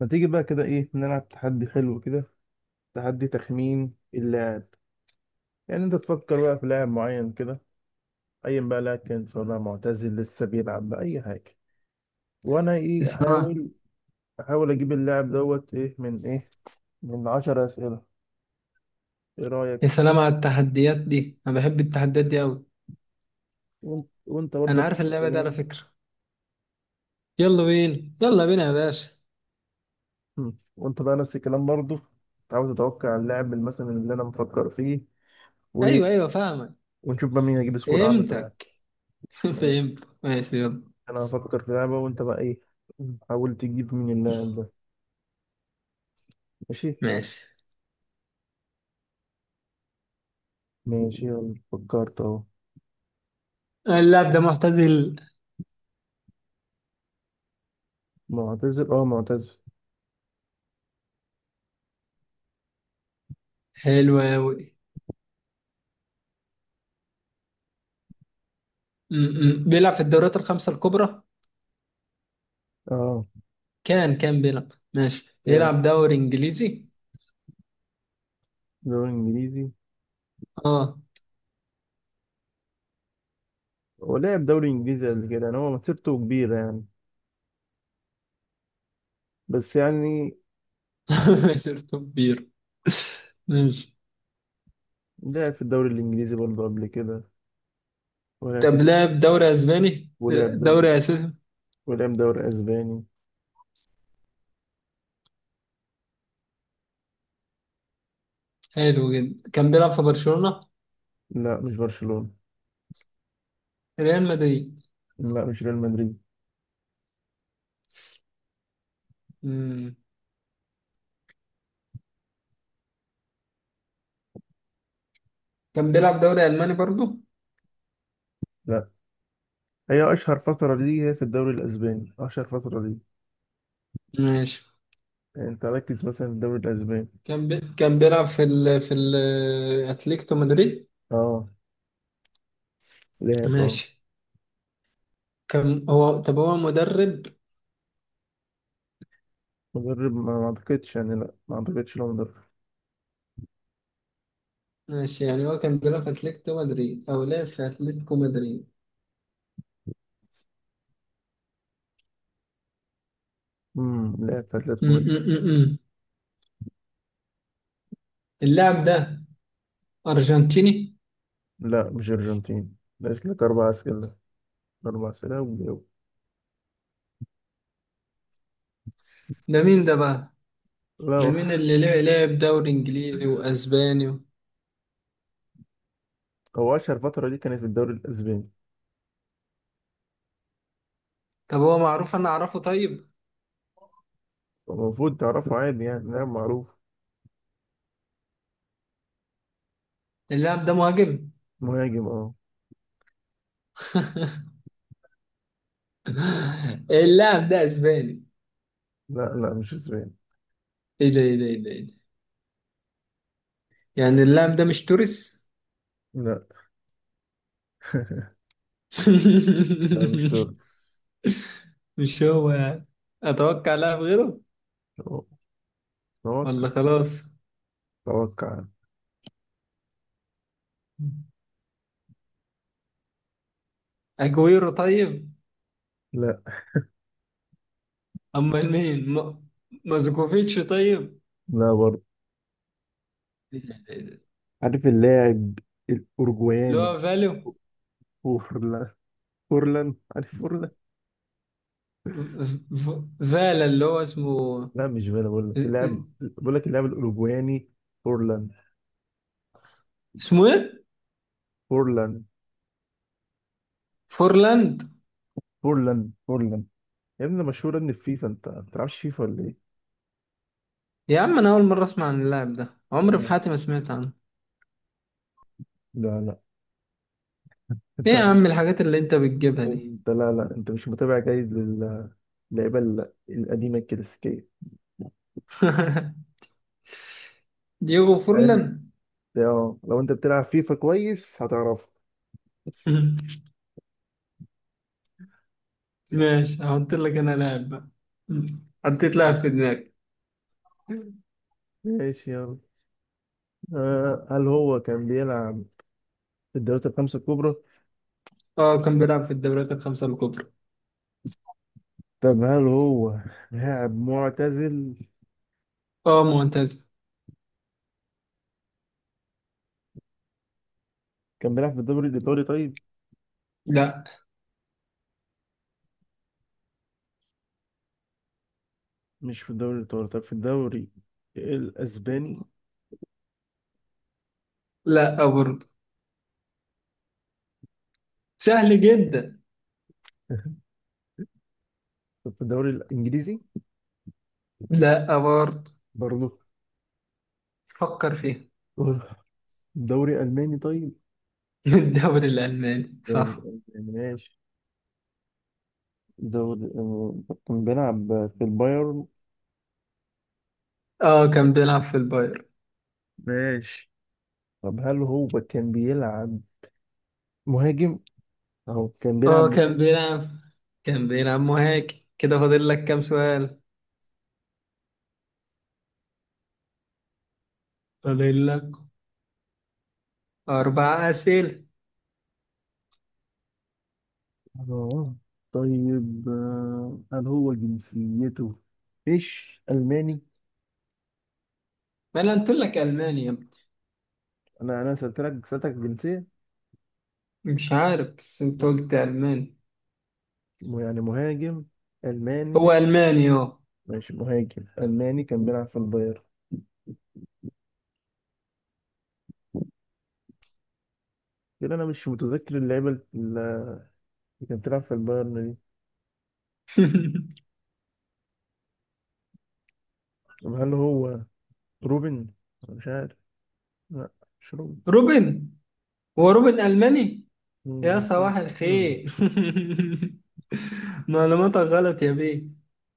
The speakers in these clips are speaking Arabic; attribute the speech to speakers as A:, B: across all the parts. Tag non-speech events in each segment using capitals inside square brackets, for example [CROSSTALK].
A: ما تيجي بقى كده ايه نلعب تحدي حلو كده، تحدي تخمين اللاعب. يعني انت تفكر بقى في لاعب معين كده، ايا بقى لاعب كان، سواء لاعب معتزل لسه بيلعب بقى اي حاجه، وانا
B: يا
A: ايه
B: سلام،
A: احاول اجيب اللاعب دوت ايه من ايه، من 10 اسئله. ايه
B: يا
A: رايك؟
B: سلام على التحديات دي. انا بحب التحديات دي قوي.
A: وانت برضه
B: انا
A: نفس
B: عارف اللعبه دي على
A: الكلام.
B: فكره. يلا بينا يلا بينا يا باشا.
A: مم. وانت بقى نفس الكلام برضه. عاوز تتوقع اللاعب مثلا اللي انا مفكر فيه و...
B: ايوه ايوه فاهمك.
A: ونشوف بقى مين هيجيب سكور اعلى في اللاعب.
B: فهمتك. [LAUGHS]
A: يعني
B: فهمت ماشي يلا.
A: انا هفكر في لعبه وانت بقى ايه، حاول تجيب مين اللاعب ده. ماشي.
B: ماشي.
A: ماشي يلا فكرت اهو.
B: اللاعب ده معتزل؟
A: معتزل اه معتزل.
B: حلو قوي. بيلعب في الدوريات الخمسه الكبرى.
A: اه
B: كان بيلعب ماشي،
A: كان
B: بيلعب دوري انجليزي.
A: دوري انجليزي.
B: اه.
A: هو لعب دوري انجليزي قبل كده، يعني هو مسيرته كبيرة يعني، بس يعني آه،
B: [LAUGHS] شرطه كبير. ماشي.
A: لعب في الدوري الانجليزي برضه قبل كده. ولعب
B: طب
A: في
B: لعب دوري اسباني،
A: ولعب
B: دوري
A: دوري
B: اساسي.
A: ولعب دوري اسباني.
B: حلو جدا. كان بيلعب في برشلونه؟
A: لا مش برشلونة.
B: ريال مدريد؟
A: لا مش ريال مدريد.
B: مم. كان بيلعب دوري ألماني برضو؟
A: لا، هي اشهر فترة ليه هي في الدوري الاسباني، اشهر فترة ليه.
B: ماشي.
A: يعني انت ركز مثلا في الدوري الاسباني.
B: كان بيلعب في أتليتيكو مدريد.
A: اه لعب اه.
B: ماشي. كان هو طب هو مدرب؟
A: مدرب ما اعتقدش يعني، لا ما اعتقدش لو مدرب.
B: ماشي، يعني هو كان بيلعب في أتليتيكو مدريد، أو لعب في أتليتيكو مدريد.
A: لعب في
B: م-
A: اتلتيكو مدريد.
B: م- م- م. اللاعب ده أرجنتيني؟
A: لا مش ارجنتين، ناقص لك اربع اسئله. اربع اسئله وجاوب.
B: ده مين ده بقى؟
A: لا
B: ده
A: هو.
B: مين اللي لعب دوري إنجليزي وأسباني و...؟
A: هو اشهر فتره دي كانت في الدوري الاسباني.
B: طب هو معروف، أنا أعرفه؟ طيب.
A: المفروض تعرفه عادي، يعني لاعب معروف.
B: اللاعب ده مهاجم؟
A: مهاجم اه.
B: [LAUGHS] اللاعب ده أسباني؟
A: لا لا مش اسباني.
B: ايه ده ايه ده ايه ده إيه ده؟ يعني اللاعب ده مش توريس؟
A: لا [LAUGHS] لا مش
B: [LAUGHS]
A: تونس.
B: مش هو يعني. اتوقع لاعب غيره
A: توقع.
B: ولا خلاص؟
A: توقع.
B: اجويرو؟ طيب.
A: لا.
B: امال مين مازوكوفيتش؟ طيب.
A: لا برضه.
B: إيه ده إيه ده إيه ده؟
A: عارف اللاعب
B: اللي
A: الاوروجواني.
B: هو فاليو،
A: فورلان. فورلان. عارف فورلان.
B: ف- ف- فالا اللي هو اسمه.
A: لا مش فانا، بقول لك اللاعب، بقول لك اللاعب الاوروجواني. فورلان.
B: اسمه ايه؟
A: فورلان.
B: فورلاند؟
A: فورلان. فورلان. يا ابني مشهورة ان الفيفا، انت ما بتلعبش فيفا ولا ايه؟
B: يا عم، انا اول مره اسمع عن اللاعب ده، عمري في
A: لا.
B: حياتي ما سمعت عنه.
A: لا لا.
B: ايه
A: انت.
B: يا عم الحاجات اللي انت بتجيبها دي؟
A: انت لا لا، انت مش متابع جيد للعيبة القديمة الكلاسيكية.
B: [LAUGHS] دييغو
A: انت.
B: فورلان.
A: اه لو انت بتلعب فيفا كويس هتعرفه.
B: [LAUGHS] ماشي، هحط لك انا لاعب بقى. مم. حطيت لاعب في دماغي.
A: ماشي يلا. هل هو كان بيلعب في الدوريات الخمسة الكبرى؟
B: اه كان بيلعب في الدوريات الخمسة الكبرى.
A: طب هل هو لاعب معتزل؟
B: اه معتزل.
A: كان بيلعب في الدوري الإيطالي طيب؟
B: لا.
A: مش في الدوري الإيطالي، طب في الدوري الأسباني؟
B: لا برضه. سهل جدا.
A: [LAUGHS] طب في الدوري الإنجليزي؟
B: لا برضه.
A: برضه.
B: فكر فيها. [LAUGHS]
A: دوري ألماني طيب؟
B: من الدوري الألماني،
A: الدوري
B: صح.
A: الألماني ماشي. دوري كان بيلعب في البايرن.
B: اه كان بيلعب في الباير.
A: ماشي. طب هل هو كان بيلعب مهاجم، أو كان بيلعب
B: اه كان
A: مهاجم.
B: بيلعب كان بيلعب مهاجم كده. فاضل لك كام سؤال؟ فاضل لك أربع أسئلة.
A: اه. طيب هل هو جنسيته مش ألماني؟
B: ما أنا قلت لك ألماني يا ابني.
A: أنا سألتلك سألتك جنسية.
B: مش عارف بس أنت قلت ألماني.
A: يعني مهاجم ألماني.
B: هو ألماني اه.
A: ماشي مهاجم ألماني كان بيلعب في البايرن كده. أنا مش متذكر اللعيبة اللي كانت بتلعب في البايرن دي. طب هل هو روبن؟ أنا مش عارف. لا مش هو.
B: [LAUGHS] روبن؟ هو روبن ألماني.
A: مم،
B: يا
A: أكيد.
B: صباح
A: مم.
B: الخير. [LAUGHS] معلوماتك غلط يا بيه.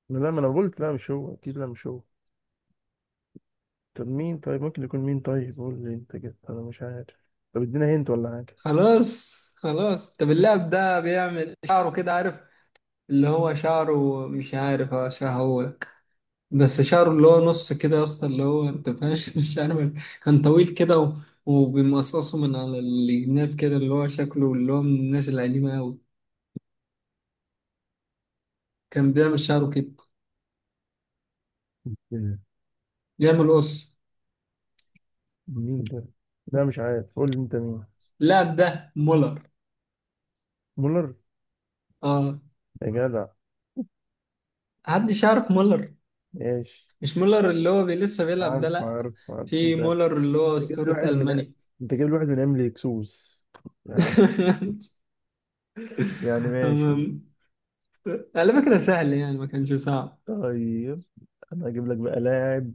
A: لا، ما انا قلت لا مش هو اكيد، لا مش هو. طب مين طيب، ممكن يكون مين طيب، قول لي انت كده، انا مش عارف. طب ادينا هنت ولا حاجه.
B: خلاص خلاص. طب اللاعب ده بيعمل شعره كده، عارف، اللي هو شعره مش عارف اشرحهولك، بس شعره اللي هو نص كده يا اسطى، اللي هو انت فاهم. [LAUGHS] مش عارف. كان طويل كده وبيمقصصه من على الجناب كده، اللي هو شكله اللي هو من الناس القديمة أوي. كان بيعمل شعره كده،
A: مم.
B: بيعمل قص.
A: مين ده. لا مش عارف، قول لي انت مين.
B: اللاعب ده مولر.
A: مولر.
B: اه.
A: يا جدع.
B: حدش يعرف مولر.
A: ماشي.
B: مش مولر اللي هو لسه بيلعب ده،
A: عارف
B: لا.
A: عارف عارف
B: في
A: انت.
B: مولر اللي هو
A: انت جايب لي
B: أسطورة
A: واحد من،
B: ألمانيا.
A: انت جايب لي واحد من ايام اكسوس يعني.
B: [LAUGHS]
A: يعني ماشي.
B: أمم. على فكرة سهل يعني، ما كانش صعب.
A: طيب انا هجيب لك بقى لاعب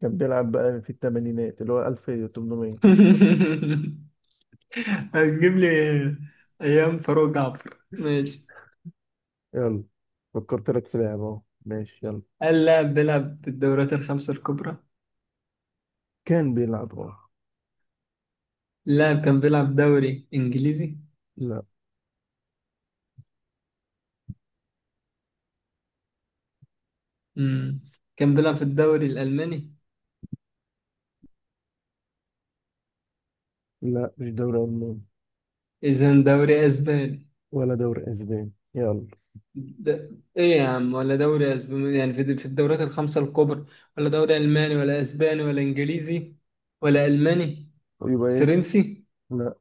A: كان بيلعب بقى في الثمانينات اللي هو 1800.
B: [LAUGHS] هتجيب لي أيام فاروق جعفر؟ ماشي.
A: يلا فكرت لك في لعبة اهو، ماشي يلا.
B: هل لاعب بيلعب بالدوريات الخمسة الكبرى؟
A: كان بيلعب اه.
B: اللاعب كان بيلعب دوري إنجليزي؟
A: لا.
B: مم. كان بيلعب في الدوري الألماني؟
A: لا مش دوري ألماني.
B: إذا دوري أسباني.
A: ولا دوري أسباني يلا.
B: ده ايه يا عم، ولا دوري اسباني يعني، في الدوريات الخمسة الكبرى، ولا دوري الماني ولا اسباني ولا انجليزي، ولا الماني،
A: يبقى ايه؟
B: فرنسي؟
A: لا.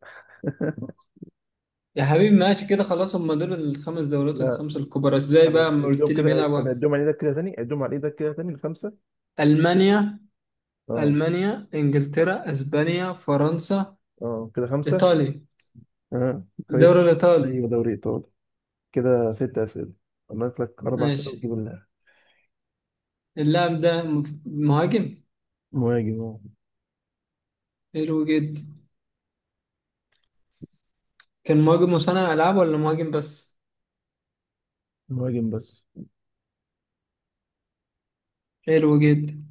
A: [LAUGHS]
B: يا حبيبي ماشي كده خلاص. هم دول الخمس دوريات،
A: لا.
B: الخمسة الكبرى ازاي
A: طب
B: بقى اما قلت
A: اديهم
B: لي
A: كده، طب
B: بيلعبوا؟
A: اديهم على ايدك كده تاني، اديهم على ايدك كده تاني الخمسة.
B: المانيا.
A: اه.
B: المانيا، انجلترا، اسبانيا، فرنسا.
A: اه كده خمسة.
B: ايطاليا.
A: اه. كويس.
B: الدوري الايطالي،
A: ايوه دوري ايطالي. كده ست اسئلة، عملت لك اربع اسئلة
B: ماشي.
A: وتجيب اللاعب.
B: اللاعب ده مهاجم؟
A: مهاجم اه.
B: حلو جدا. كان مهاجم مصنع العاب ولا مهاجم بس؟
A: مهاجم بس.
B: حلو جدا.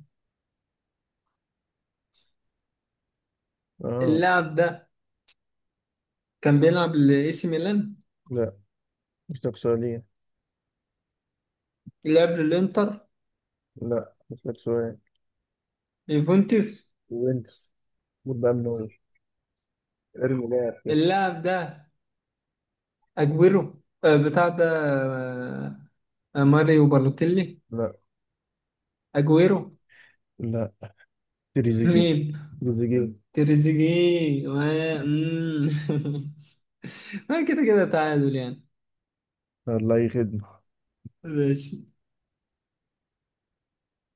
A: اه.
B: اللاعب ده كان بيلعب لاي سي ميلان؟
A: لا مش لك سؤالين.
B: لعب للانتر؟
A: لا مش لك سؤال.
B: يوفنتوس؟
A: وينكس. المفروض بقى من اول ارمي لاعب كده.
B: اللاعب ده اجويرو، آه، بتاع ده. آه، آه، ماريو بالوتيلي.
A: لا.
B: اجويرو.
A: لا. تريزيجي.
B: مين؟
A: تريزيجي.
B: تريزيجيه ما مم. [LAUGHS] ما كده كده تعادل يعني.
A: الله يخدم.
B: ماشي.